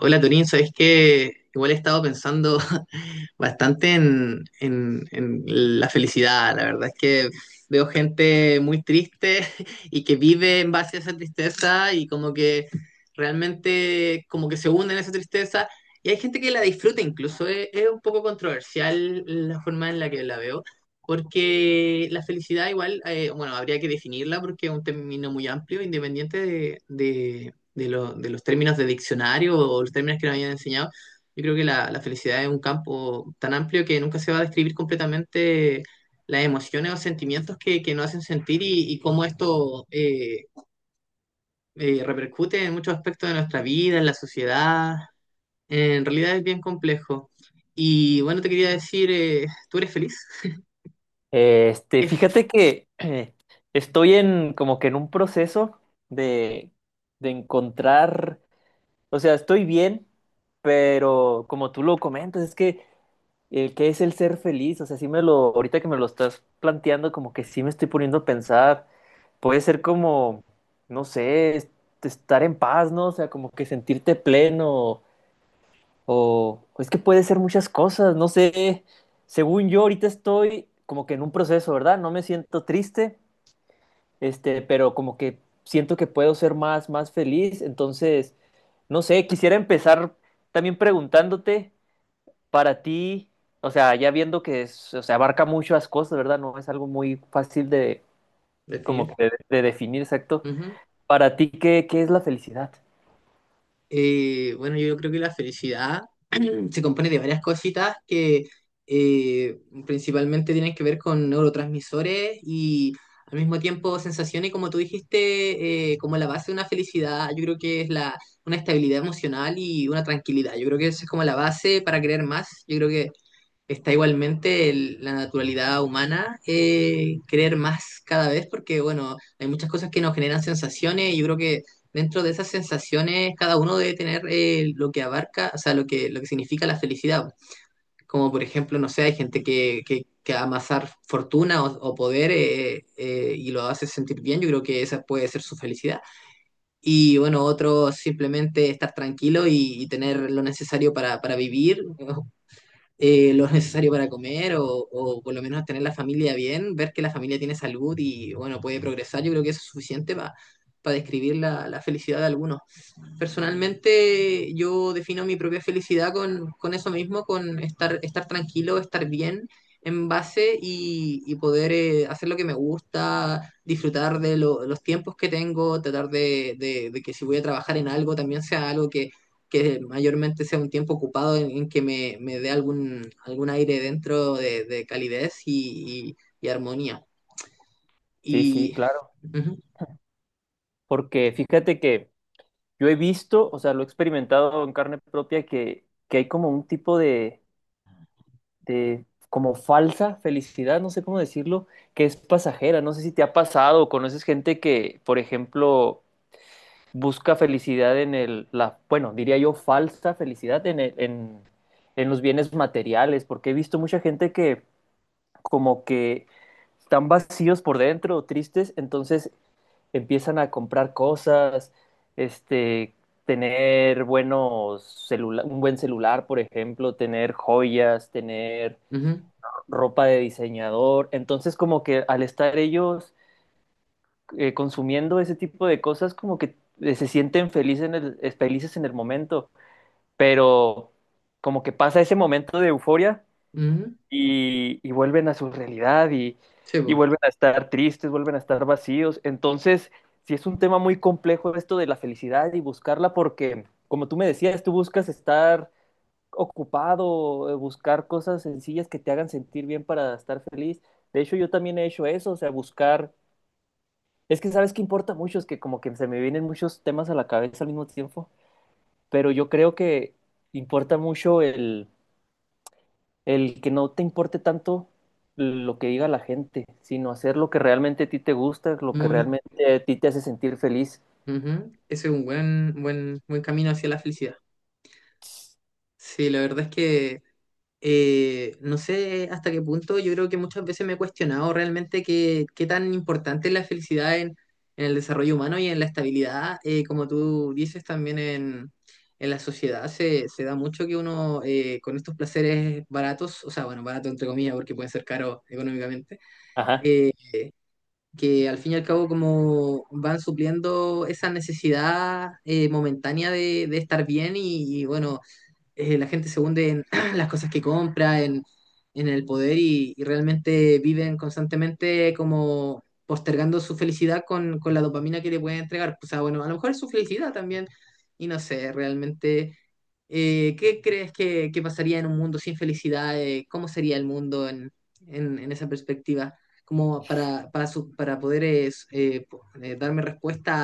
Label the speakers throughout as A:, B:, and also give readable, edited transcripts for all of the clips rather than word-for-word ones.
A: Hola Torín, ¿sabes qué? Igual he estado pensando bastante en la felicidad. La verdad es que veo gente muy triste y que vive en base a esa tristeza y como que realmente como que se hunde en esa tristeza. Y hay gente que la disfruta incluso. Es un poco controversial la forma en la que la veo. Porque la felicidad igual, bueno, habría que definirla porque es un término muy amplio, independiente de los términos de diccionario o los términos que nos hayan enseñado. Yo creo que la felicidad es un campo tan amplio que nunca se va a describir completamente las emociones o sentimientos que nos hacen sentir y cómo esto repercute en muchos aspectos de nuestra vida, en la sociedad. En realidad es bien complejo. Y bueno, te quería decir, ¿tú eres feliz?
B: Este,
A: ¿Qué es
B: fíjate que estoy en como que en un proceso de, de encontrar, o sea, estoy bien, pero como tú lo comentas, es que el que es el ser feliz, o sea, sí me lo, ahorita que me lo estás planteando, como que sí me estoy poniendo a pensar, puede ser como, no sé, estar en paz, ¿no? O sea, como que sentirte pleno, o es que puede ser muchas cosas, no sé. Según yo, ahorita estoy como que en un proceso, ¿verdad? No me siento triste, pero como que siento que puedo ser más, más feliz. Entonces, no sé, quisiera empezar también preguntándote para ti, o sea, ya viendo que es, o sea, abarca muchas cosas, ¿verdad? No es algo muy fácil de, como que
A: definir?
B: de definir, exacto.
A: Ujú.
B: Para ti, ¿qué es la felicidad?
A: Bueno, yo creo que la felicidad se compone de varias cositas que eh, principalmente tienen que ver con neurotransmisores y al mismo tiempo sensaciones, como tú dijiste, como la base de una felicidad, yo creo que es una estabilidad emocional y una tranquilidad. Yo creo que eso es como la base para creer más. Yo creo que está igualmente la naturalidad humana, creer más cada vez porque, bueno, hay muchas cosas que nos generan sensaciones y yo creo que dentro de esas sensaciones cada uno debe tener, lo que abarca, o sea, lo que significa la felicidad. Como por ejemplo, no sé, hay gente que amasar fortuna o poder, y lo hace sentir bien, yo creo que esa puede ser su felicidad. Y bueno, otro simplemente estar tranquilo y tener lo necesario para vivir, lo necesario para comer o por lo menos tener la familia bien, ver que la familia tiene salud y bueno, puede progresar, yo creo que eso es suficiente para describir la felicidad de algunos. Personalmente yo defino mi propia felicidad con eso mismo, con estar tranquilo, estar bien en base y poder, hacer lo que me gusta, disfrutar de los tiempos que tengo, tratar de que si voy a trabajar en algo también sea algo que mayormente sea un tiempo ocupado en que me dé algún, algún aire dentro de calidez y, y armonía.
B: Sí, sí,
A: Y...
B: claro.
A: ujú,
B: Porque fíjate que yo he visto, o sea, lo he experimentado en carne propia, que hay como un tipo de como falsa felicidad, no sé cómo decirlo, que es pasajera. No sé si te ha pasado o conoces gente que, por ejemplo, busca felicidad en bueno, diría yo, falsa felicidad en en los bienes materiales, porque he visto mucha gente que como que están vacíos por dentro, tristes, entonces empiezan a comprar cosas, este, tener un buen celular, por ejemplo, tener joyas, tener
A: ujú,
B: ropa de diseñador. Entonces, como que al estar ellos consumiendo ese tipo de cosas, como que se sienten felices en felices en el momento, pero como que pasa ese momento de euforia
A: ujú.
B: y vuelven a su realidad
A: Sí,
B: y
A: po,
B: vuelven a estar tristes, vuelven a estar vacíos. Entonces, sí es un tema muy complejo esto de la felicidad y buscarla porque, como tú me decías, tú buscas estar ocupado, buscar cosas sencillas que te hagan sentir bien para estar feliz. De hecho, yo también he hecho eso, o sea, buscar... Es que sabes que importa mucho, es que como que se me vienen muchos temas a la cabeza al mismo tiempo, pero yo creo que importa mucho el que no te importe tanto lo que diga la gente, sino hacer lo que realmente a ti te gusta, lo que
A: muy,
B: realmente a ti te hace sentir feliz.
A: ujú. Ese es un buen, buen, buen camino hacia la felicidad. Sí, la verdad es que no sé hasta qué punto, yo creo que muchas veces me he cuestionado realmente qué, qué tan importante es la felicidad en el desarrollo humano y en la estabilidad, como tú dices también en la sociedad, se da mucho que uno, con estos placeres baratos, o sea, bueno, barato entre comillas porque pueden ser caros económicamente,
B: Ajá.
A: eh, que al fin y al cabo como van supliendo esa necesidad, momentánea de estar bien y, bueno, la gente se hunde en las cosas que compra, en el poder y realmente viven constantemente como postergando su felicidad con la dopamina que le pueden entregar. O sea, bueno, a lo mejor es su felicidad también y no sé, realmente, ¿qué crees que pasaría en un mundo sin felicidad? ¿Cómo sería el mundo en esa perspectiva? Como para poder darme respuesta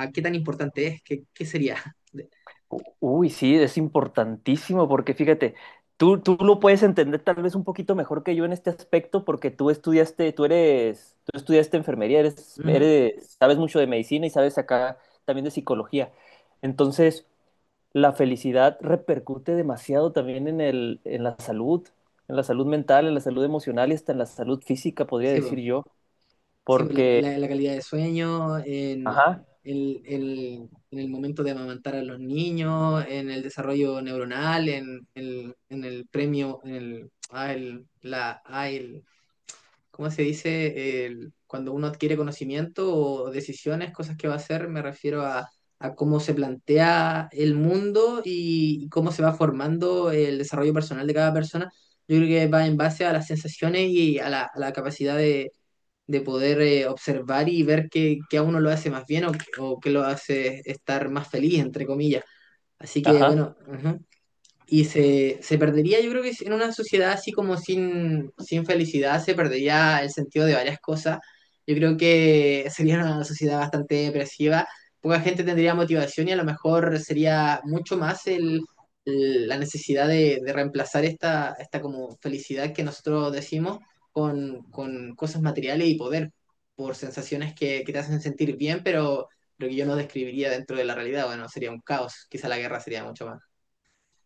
A: a qué tan importante es, qué, qué sería.
B: Uy, sí, es importantísimo porque fíjate, tú lo puedes entender tal vez un poquito mejor que yo en este aspecto porque tú estudiaste, tú estudiaste enfermería,
A: Ujú,
B: eres, sabes mucho de medicina y sabes acá también de psicología. Entonces, la felicidad repercute demasiado también en en la salud mental, en la salud emocional y hasta en la salud física, podría
A: sí,
B: decir
A: po.
B: yo,
A: Sí, pues
B: porque,
A: la calidad de sueño, en
B: ajá,
A: en el momento de amamantar a los niños, en el desarrollo neuronal, en el premio, en el, ah, el- la, ah, el- ¿cómo se dice? Cuando uno adquiere conocimiento o decisiones, cosas que va a hacer, me refiero a cómo se plantea el mundo y cómo se va formando el desarrollo personal de cada persona. Yo creo que va en base a las sensaciones y a la capacidad de poder, observar y ver qué, qué a uno lo hace más bien o qué lo hace estar más feliz, entre comillas. Así que
B: ajá,
A: bueno, ujú. Y se perdería, yo creo que en una sociedad así como sin, sin felicidad, se perdería el sentido de varias cosas. Yo creo que sería una sociedad bastante depresiva, poca gente tendría motivación y a lo mejor sería mucho más la necesidad de reemplazar esta, esta como felicidad que nosotros decimos con cosas materiales y poder, por sensaciones que te hacen sentir bien, pero lo que yo no describiría dentro de la realidad, bueno, sería un caos, quizá la guerra sería mucho más,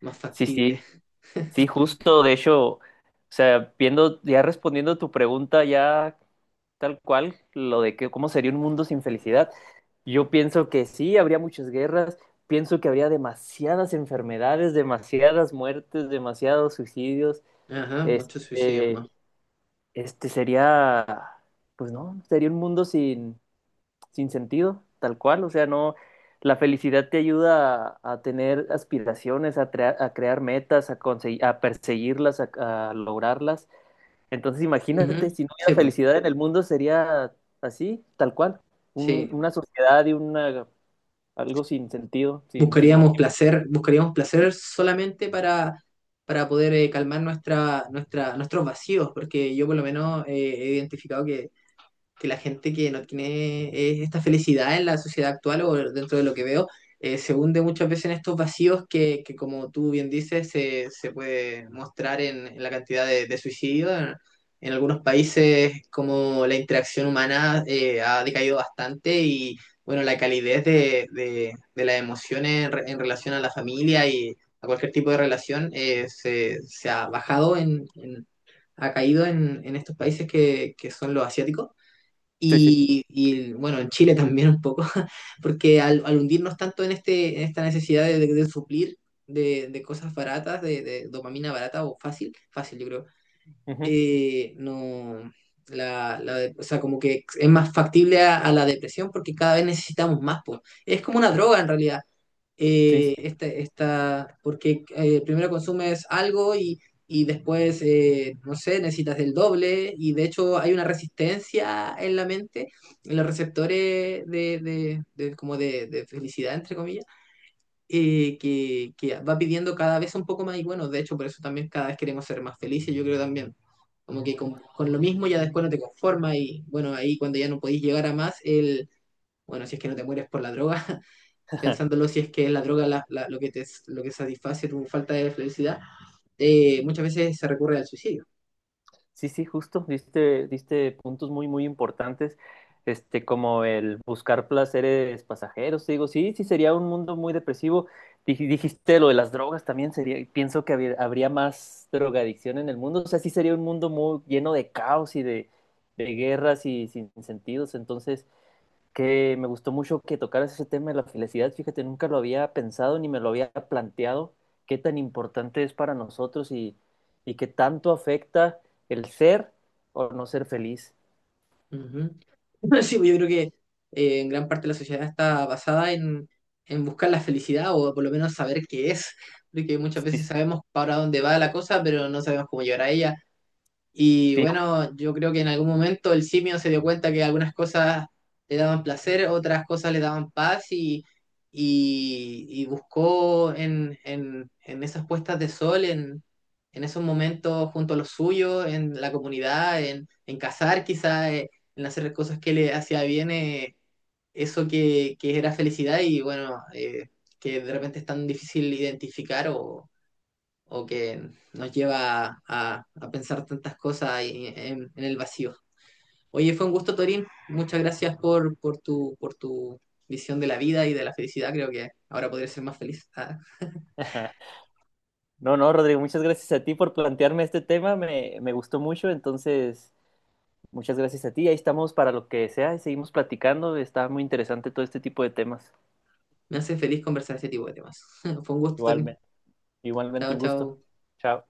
A: más
B: sí,
A: factible.
B: sí, sí, justo, de hecho, o sea, viendo, ya respondiendo a tu pregunta, ya tal cual, lo de que, cómo sería un mundo sin felicidad, yo pienso que sí, habría muchas guerras, pienso que habría demasiadas enfermedades, demasiadas muertes, demasiados suicidios,
A: Ajá, muchos suicidios
B: este
A: más.
B: Sería, pues no, sería un mundo sin, sin sentido, tal cual. O sea, no, la felicidad te ayuda a tener aspiraciones, a, a crear metas, a conseguir, a perseguirlas, a lograrlas. Entonces, imagínate,
A: Ujú,
B: si no hubiera
A: sí, pues,
B: felicidad en el mundo, sería así, tal cual.
A: sí.
B: Una sociedad y una, algo sin sentido, sin, sin motivo.
A: Buscaríamos placer solamente para poder, calmar nuestros vacíos, porque yo por lo menos, he identificado que la gente que no tiene, esta felicidad en la sociedad actual o dentro de lo que veo, se hunde muchas veces en estos vacíos que como tú bien dices, se puede mostrar en la cantidad de suicidios. En algunos países como la interacción humana, ha decaído bastante y bueno, la calidez de las emociones en, en relación a la familia y a cualquier tipo de relación, se ha bajado, ha caído en estos países que son los asiáticos.
B: Sí, sí.
A: Y, bueno, en Chile también un poco, porque al, al hundirnos tanto en, este, en esta necesidad de suplir de cosas baratas, de dopamina barata o fácil, fácil yo creo,
B: Ujú.
A: no, o sea, como que es más factible a la depresión porque cada vez necesitamos más, pues. Es como una droga en realidad,
B: Sí, sí.
A: porque, primero consumes algo y después, no sé, necesitas del doble y de hecho hay una resistencia en la mente, en los receptores como de felicidad, entre comillas, que va pidiendo cada vez un poco más y bueno, de hecho por eso también cada vez queremos ser más felices, yo creo también. Como que con lo mismo ya después no te conformas y bueno, ahí cuando ya no podís llegar a más, el, bueno, si es que no te mueres por la droga, pensándolo si es que la droga lo que te, lo que satisface tu falta de felicidad, muchas veces se recurre al suicidio.
B: Sí, sí, justo, diste, diste puntos muy, muy importantes, como el buscar placeres pasajeros, te digo, sí, sí, sería un mundo muy depresivo. Dijiste lo de las drogas, también sería, pienso que habría, habría más drogadicción en el mundo, o sea, sí sería un mundo muy lleno de caos y de guerras y sin sentidos, entonces que me gustó mucho que tocaras ese tema de la felicidad. Fíjate, nunca lo había pensado ni me lo había planteado, qué tan importante es para nosotros y qué tanto afecta el ser o no ser feliz.
A: Ujú. Sí, pues yo creo que, en gran parte la sociedad está basada en buscar la felicidad o por lo menos saber qué es, porque muchas
B: Sí,
A: veces sabemos para dónde va la cosa, pero no sabemos cómo llegar a ella. Y
B: sí.
A: bueno, yo creo que en algún momento el simio se dio cuenta que algunas cosas le daban placer, otras cosas le daban paz y buscó en esas puestas de sol, en esos momentos junto a los suyos, en la comunidad, en cazar quizá, en hacer cosas que le hacía bien, eso que era felicidad y bueno, que de repente es tan difícil identificar o que nos lleva a pensar tantas cosas ahí en el vacío. Oye, fue un gusto, Torín. Muchas gracias por tu visión de la vida y de la felicidad. Creo que ahora podría ser más feliz. Ah,
B: No, no, Rodrigo, muchas gracias a ti por plantearme este tema, me gustó mucho, entonces muchas gracias a ti, ahí estamos para lo que sea y seguimos platicando, está muy interesante todo este tipo de temas.
A: me hace feliz conversar este tipo de temas. Fue un gusto, Torín.
B: Igualmente, igualmente
A: Chao,
B: un gusto.
A: chao.
B: Chao.